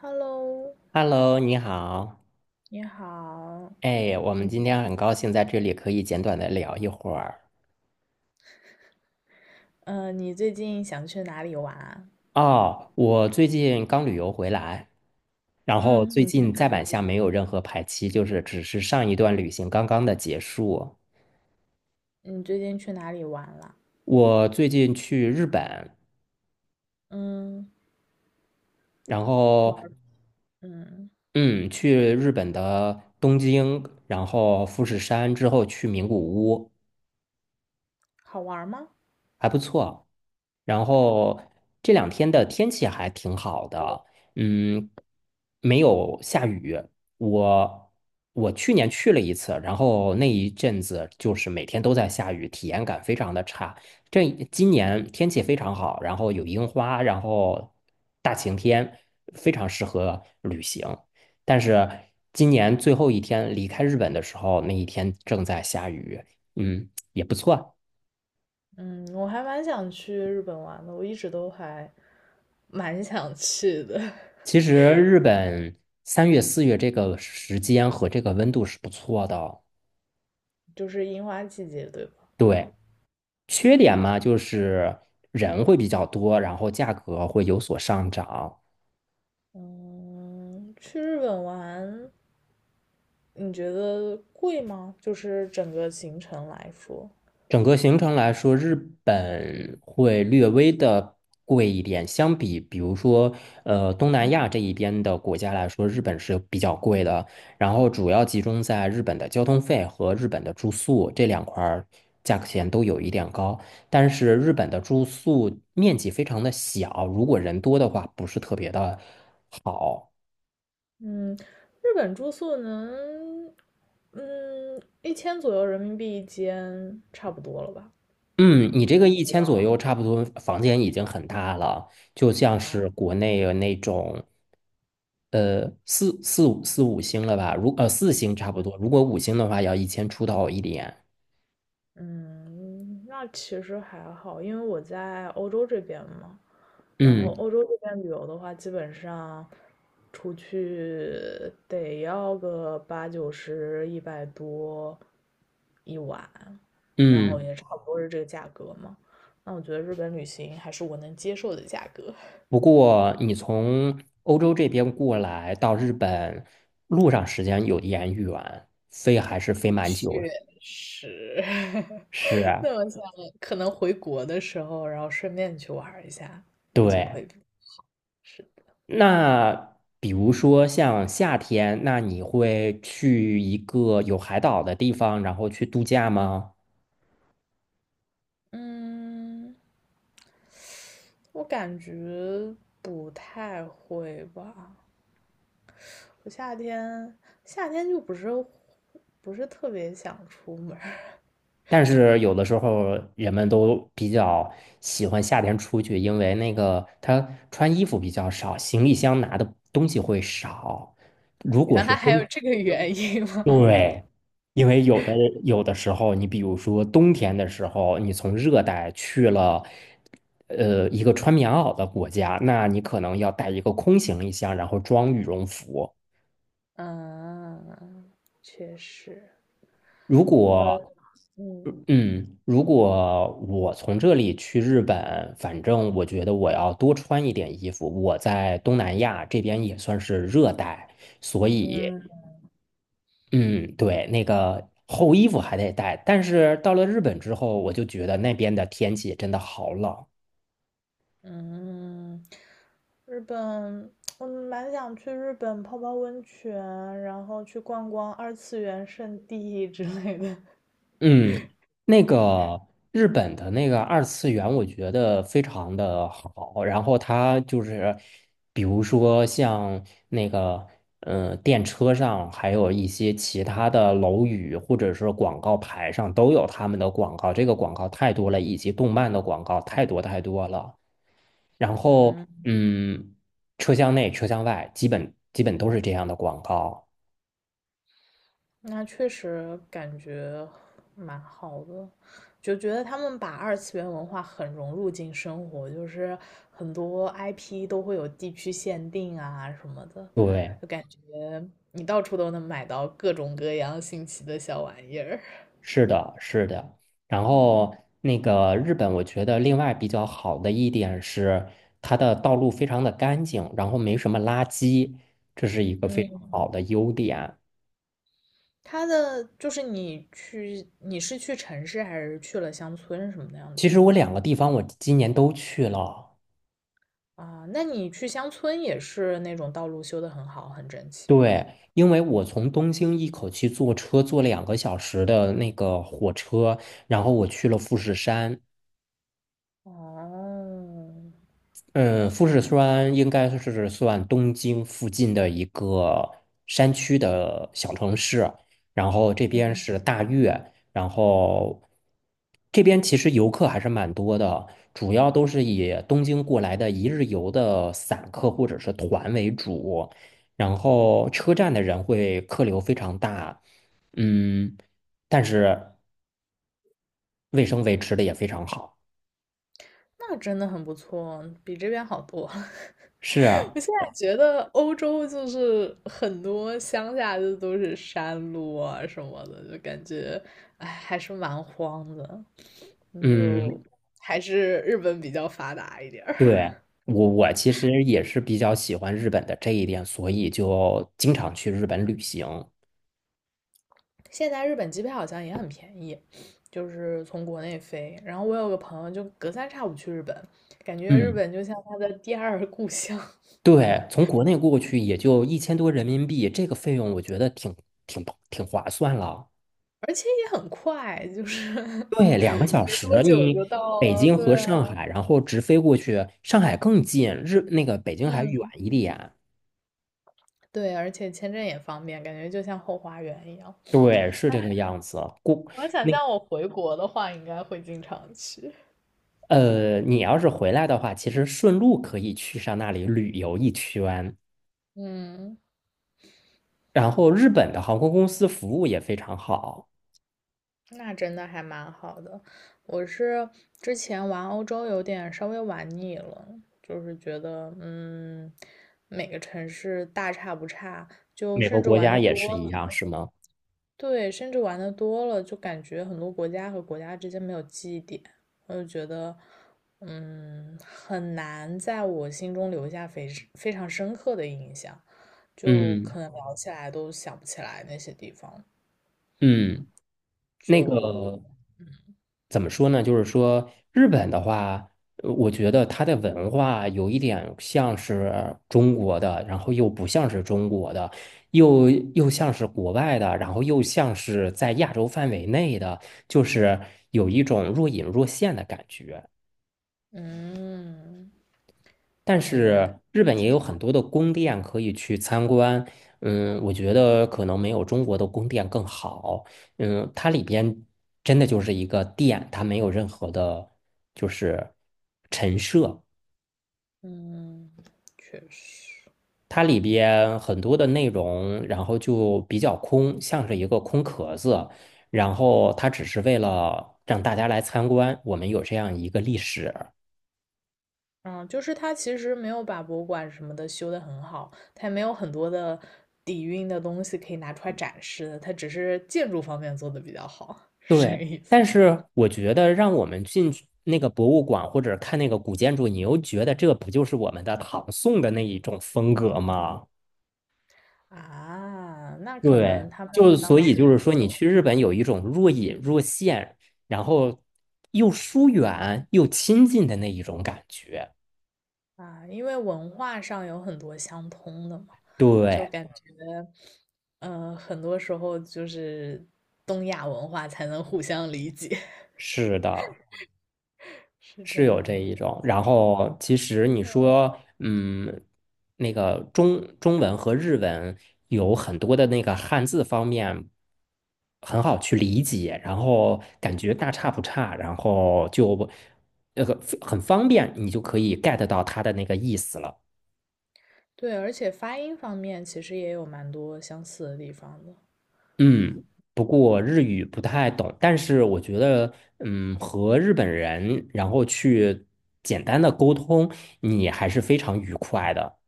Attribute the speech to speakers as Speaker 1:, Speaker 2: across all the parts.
Speaker 1: Hello。
Speaker 2: Hello，你好。
Speaker 1: 你好。
Speaker 2: 哎，我们
Speaker 1: 嗯。
Speaker 2: 今天很高兴在这里可以简短的聊一会儿。
Speaker 1: 你最近想去哪里玩啊？
Speaker 2: 哦，我最近刚旅游回来，然后
Speaker 1: 嗯。
Speaker 2: 最
Speaker 1: 你去
Speaker 2: 近
Speaker 1: 哪
Speaker 2: 再
Speaker 1: 里？
Speaker 2: 版下没有任何排期，就是只是上一段旅行刚刚的结束。
Speaker 1: 你最近去哪里玩了？
Speaker 2: 我最近去日本，
Speaker 1: 嗯。
Speaker 2: 然
Speaker 1: 玩。
Speaker 2: 后
Speaker 1: 嗯。
Speaker 2: 嗯，去日本的东京，然后富士山之后去名古屋。
Speaker 1: 好玩吗？
Speaker 2: 还不错。然后这两天的天气还挺好的，嗯，没有下雨。我我去年去了一次，然后那一阵子就是每天都在下雨，体验感非常的差。这今年天气非常好，然后有樱花，然后大晴天，非常适合旅行。但是今年最后一天离开日本的时候，那一天正在下雨，也不错。
Speaker 1: 嗯，我还蛮想去日本玩的，我一直都还蛮想去的。
Speaker 2: 其实日本3月、4月这个时间和这个温度是不错的哦。
Speaker 1: 就是樱花季节，对吧？
Speaker 2: 对，缺点嘛，就是人会比较多，然后价格会有所上涨。
Speaker 1: 嗯，去日本玩，你觉得贵吗？就是整个行程来说。
Speaker 2: 整个行程来说，日本会略微的贵一点，相比比如说东南亚这一边的国家来说，日本是比较贵的。然后主要集中在日本的交通费和日本的住宿这2块儿，价格钱都有一点高。但是日本的住宿面积非常的小，如果人多的话，不是特别的好。
Speaker 1: 嗯，日本住宿能1000左右人民币一间，差不多了吧？
Speaker 2: 嗯，你这
Speaker 1: 能
Speaker 2: 个一
Speaker 1: 做
Speaker 2: 千左
Speaker 1: 到
Speaker 2: 右，差不多房间已经很大了，就像
Speaker 1: 啊？
Speaker 2: 是国内的那种，四五星了吧？4星差不多，如果五星的话，要1000出头一点。
Speaker 1: 嗯，那其实还好，因为我在欧洲这边嘛。然后
Speaker 2: 嗯
Speaker 1: 欧洲这边旅游的话，基本上出去得要个八九十、100多一晚，然后
Speaker 2: 嗯，
Speaker 1: 也差不多是这个价格嘛。那我觉得日本旅行还是我能接受的价格。
Speaker 2: 不过你从欧洲这边过来到日本，路上时间有点远，飞还是飞蛮
Speaker 1: 确
Speaker 2: 久的。
Speaker 1: 实。
Speaker 2: 是 啊，
Speaker 1: 那我想可能回国的时候，然后顺便去玩儿一下，估计
Speaker 2: 对。
Speaker 1: 会是的。
Speaker 2: 那比如说像夏天，那你会去一个有海岛的地方，然后去度假吗？
Speaker 1: 嗯，我感觉不太会吧。我夏天就不是特别想出门儿。
Speaker 2: 但是有的时候人们都比较喜欢夏天出去，因为那个他穿衣服比较少，行李箱拿的东西会少。如 果
Speaker 1: 原
Speaker 2: 是
Speaker 1: 来还
Speaker 2: 冬
Speaker 1: 有这个原因吗？
Speaker 2: 对，因为有的时候，你比如说冬天的时候，你从热带去了，一个穿棉袄的国家，那你可能要带一个空行李箱，然后装羽绒服。
Speaker 1: 嗯，确实。
Speaker 2: 如果，
Speaker 1: 我嗯
Speaker 2: 嗯，如果我从这里去日本，反正我觉得我要多穿一点衣服。我在东南亚这边也算是热带，所以。
Speaker 1: 嗯
Speaker 2: 嗯，对，那个厚衣服还得带，但是到了日本之后，我就觉得那边的天气真的好冷。
Speaker 1: 嗯，日本。我蛮想去日本泡泡温泉，然后去逛逛二次元圣地 之类的。
Speaker 2: 嗯，那个日本的那个二次元，我觉得非常的好。然后它就是，比如说像那个，电车上，还有一些其他的楼宇或者是广告牌上都有他们的广告。这个广告太多了，以及动漫的广告太多太多了。然后
Speaker 1: 嗯，
Speaker 2: 嗯，车厢内、车厢外基本都是这样的广告。
Speaker 1: 那确实感觉蛮好的，就觉得他们把二次元文化很融入进生活，就是很多 IP 都会有地区限定啊什么的，
Speaker 2: 对，
Speaker 1: 就感觉你到处都能买到各种各样新奇的小玩意儿。
Speaker 2: 是的，是的。然后
Speaker 1: 嗯，
Speaker 2: 那个日本，我觉得另外比较好的一点是，它的道路非常的干净，然后没什么垃圾，这是一个非常好的优点。
Speaker 1: 它的就是你去，你是去城市还是去了乡村什么那样的
Speaker 2: 其
Speaker 1: 地
Speaker 2: 实我
Speaker 1: 方
Speaker 2: 两个地方我今年都去了，
Speaker 1: 啊？那你去乡村也是那种道路修的很好，很整齐吗？
Speaker 2: 对，因为我从东京一口气坐车坐两个小时的那个火车，然后我去了富士山。
Speaker 1: 哦，
Speaker 2: 嗯，富士山应该是算东京附近的一个山区的小城市，然后这边是大月，然后这边其实游客还是蛮多的，主要都是以东京过来的一日游的散客或者是团为主，然后车站的人会客流非常大，嗯，但是卫生维持的也非常好，
Speaker 1: 那真的很不错，比这边好多。
Speaker 2: 是啊，
Speaker 1: 我现在觉得欧洲就是很多乡下就都是山路啊什么的，就感觉哎还是蛮荒的。你就
Speaker 2: 嗯，
Speaker 1: 还是日本比较发达一点儿。
Speaker 2: 对，我其实也是比较喜欢日本的这一点，所以就经常去日本旅行。
Speaker 1: 现在日本机票好像也很便宜，就是从国内飞。然后我有个朋友就隔三差五去日本，感觉日
Speaker 2: 嗯，
Speaker 1: 本就像他的第二故乡，
Speaker 2: 对，从国内过去也就1000多人民币，这个费用我觉得挺挺划算了。
Speaker 1: 而且也很快，就是
Speaker 2: 对，两个小
Speaker 1: 没多
Speaker 2: 时，
Speaker 1: 久就
Speaker 2: 你
Speaker 1: 到
Speaker 2: 北
Speaker 1: 了。
Speaker 2: 京和
Speaker 1: 对啊。
Speaker 2: 上海，然后直飞过去，上海更近，那个北京还远
Speaker 1: 嗯。
Speaker 2: 一点。
Speaker 1: 对，而且签证也方便，感觉就像后花园一样。
Speaker 2: 对，是这个样子。过
Speaker 1: 我想
Speaker 2: 那
Speaker 1: 象我回国的话，应该会经常去。
Speaker 2: 你要是回来的话，其实顺路可以去上那里旅游一圈。
Speaker 1: 嗯，
Speaker 2: 然后日本的航空公司服务也非常好，
Speaker 1: 那真的还蛮好的。我是之前玩欧洲有点稍微玩腻了，就是觉得每个城市大差不差，就
Speaker 2: 每个
Speaker 1: 甚至
Speaker 2: 国
Speaker 1: 玩
Speaker 2: 家
Speaker 1: 的
Speaker 2: 也是
Speaker 1: 多
Speaker 2: 一样，
Speaker 1: 了，
Speaker 2: 是吗？
Speaker 1: 对，甚至玩的多了，就感觉很多国家和国家之间没有记忆点，我就觉得很难在我心中留下非常深刻的印象，就
Speaker 2: 嗯
Speaker 1: 可能聊起来都想不起来那些地方。
Speaker 2: 嗯，那个
Speaker 1: 就
Speaker 2: 怎么说呢？就是说日本的话，我觉得它的文化有一点像是中国的，然后又不像是中国的，又像是国外的，然后又像是在亚洲范围内的，就是有一种若隐若现的感觉。
Speaker 1: 嗯。
Speaker 2: 但
Speaker 1: 感觉
Speaker 2: 是日本也
Speaker 1: 挺
Speaker 2: 有很
Speaker 1: 好。
Speaker 2: 多的宫殿可以去参观，我觉得可能没有中国的宫殿更好，它里边真的就是一个殿，它没有任何的，就是陈设，
Speaker 1: 嗯，确实，
Speaker 2: 它里边很多的内容，然后就比较空，像是一个空壳子，然后它只是为了让大家来参观，我们有这样一个历史。
Speaker 1: 嗯，就是他其实没有把博物馆什么的修得很好，他也没有很多的底蕴的东西可以拿出来展示的，它只是建筑方面做得比较好，是这
Speaker 2: 对，
Speaker 1: 个意思。
Speaker 2: 但是我觉得让我们进去那个博物馆或者看那个古建筑，你又觉得这不就是我们的唐宋的那一种风格吗？
Speaker 1: 啊，那可
Speaker 2: 对，
Speaker 1: 能他们
Speaker 2: 就所
Speaker 1: 当
Speaker 2: 以
Speaker 1: 时
Speaker 2: 就是
Speaker 1: 就
Speaker 2: 说，你去日本有一种若隐若现，然后又疏远又亲近的那一种感觉。
Speaker 1: 啊。因为文化上有很多相通的嘛，就
Speaker 2: 对，
Speaker 1: 感觉，很多时候就是东亚文化才能互相理解。
Speaker 2: 是的。
Speaker 1: 是这
Speaker 2: 是有
Speaker 1: 样
Speaker 2: 这
Speaker 1: 的
Speaker 2: 一
Speaker 1: 吗？
Speaker 2: 种，然后其实你说，那个中文和日文有很多的那个汉字方面很好去理解，然后感觉大差不差，然后就那个很方便，你就可以 get 到它的那个意思了。
Speaker 1: 对，而且发音方面其实也有蛮多相似的地方的，
Speaker 2: 嗯，不过日语不太懂，但是我觉得，和日本人然后去简单的沟通，你还是非常愉快的。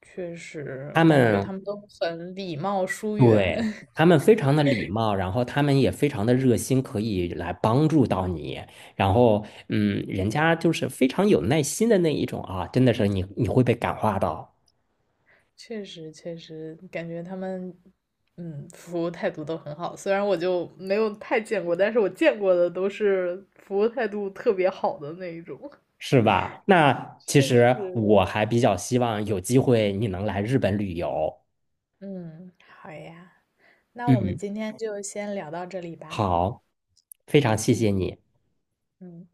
Speaker 1: 确实
Speaker 2: 他
Speaker 1: 感觉他
Speaker 2: 们
Speaker 1: 们都很礼貌疏远。
Speaker 2: 对，他 们非常的礼貌，然后他们也非常的热心，可以来帮助到你。然后，人家就是非常有耐心的那一种啊，真的是你会被感化到，
Speaker 1: 确实确实感觉他们，嗯，服务态度都很好。虽然我就没有太见过，但是我见过的都是服务态度特别好的那一种。
Speaker 2: 是吧？那其
Speaker 1: 确
Speaker 2: 实
Speaker 1: 实的。
Speaker 2: 我还比较希望有机会你能来日本旅游。
Speaker 1: 嗯，好呀，那我们
Speaker 2: 嗯，
Speaker 1: 今天就先聊到这里吧。
Speaker 2: 好，非常谢谢
Speaker 1: 嗯
Speaker 2: 你。
Speaker 1: 嗯。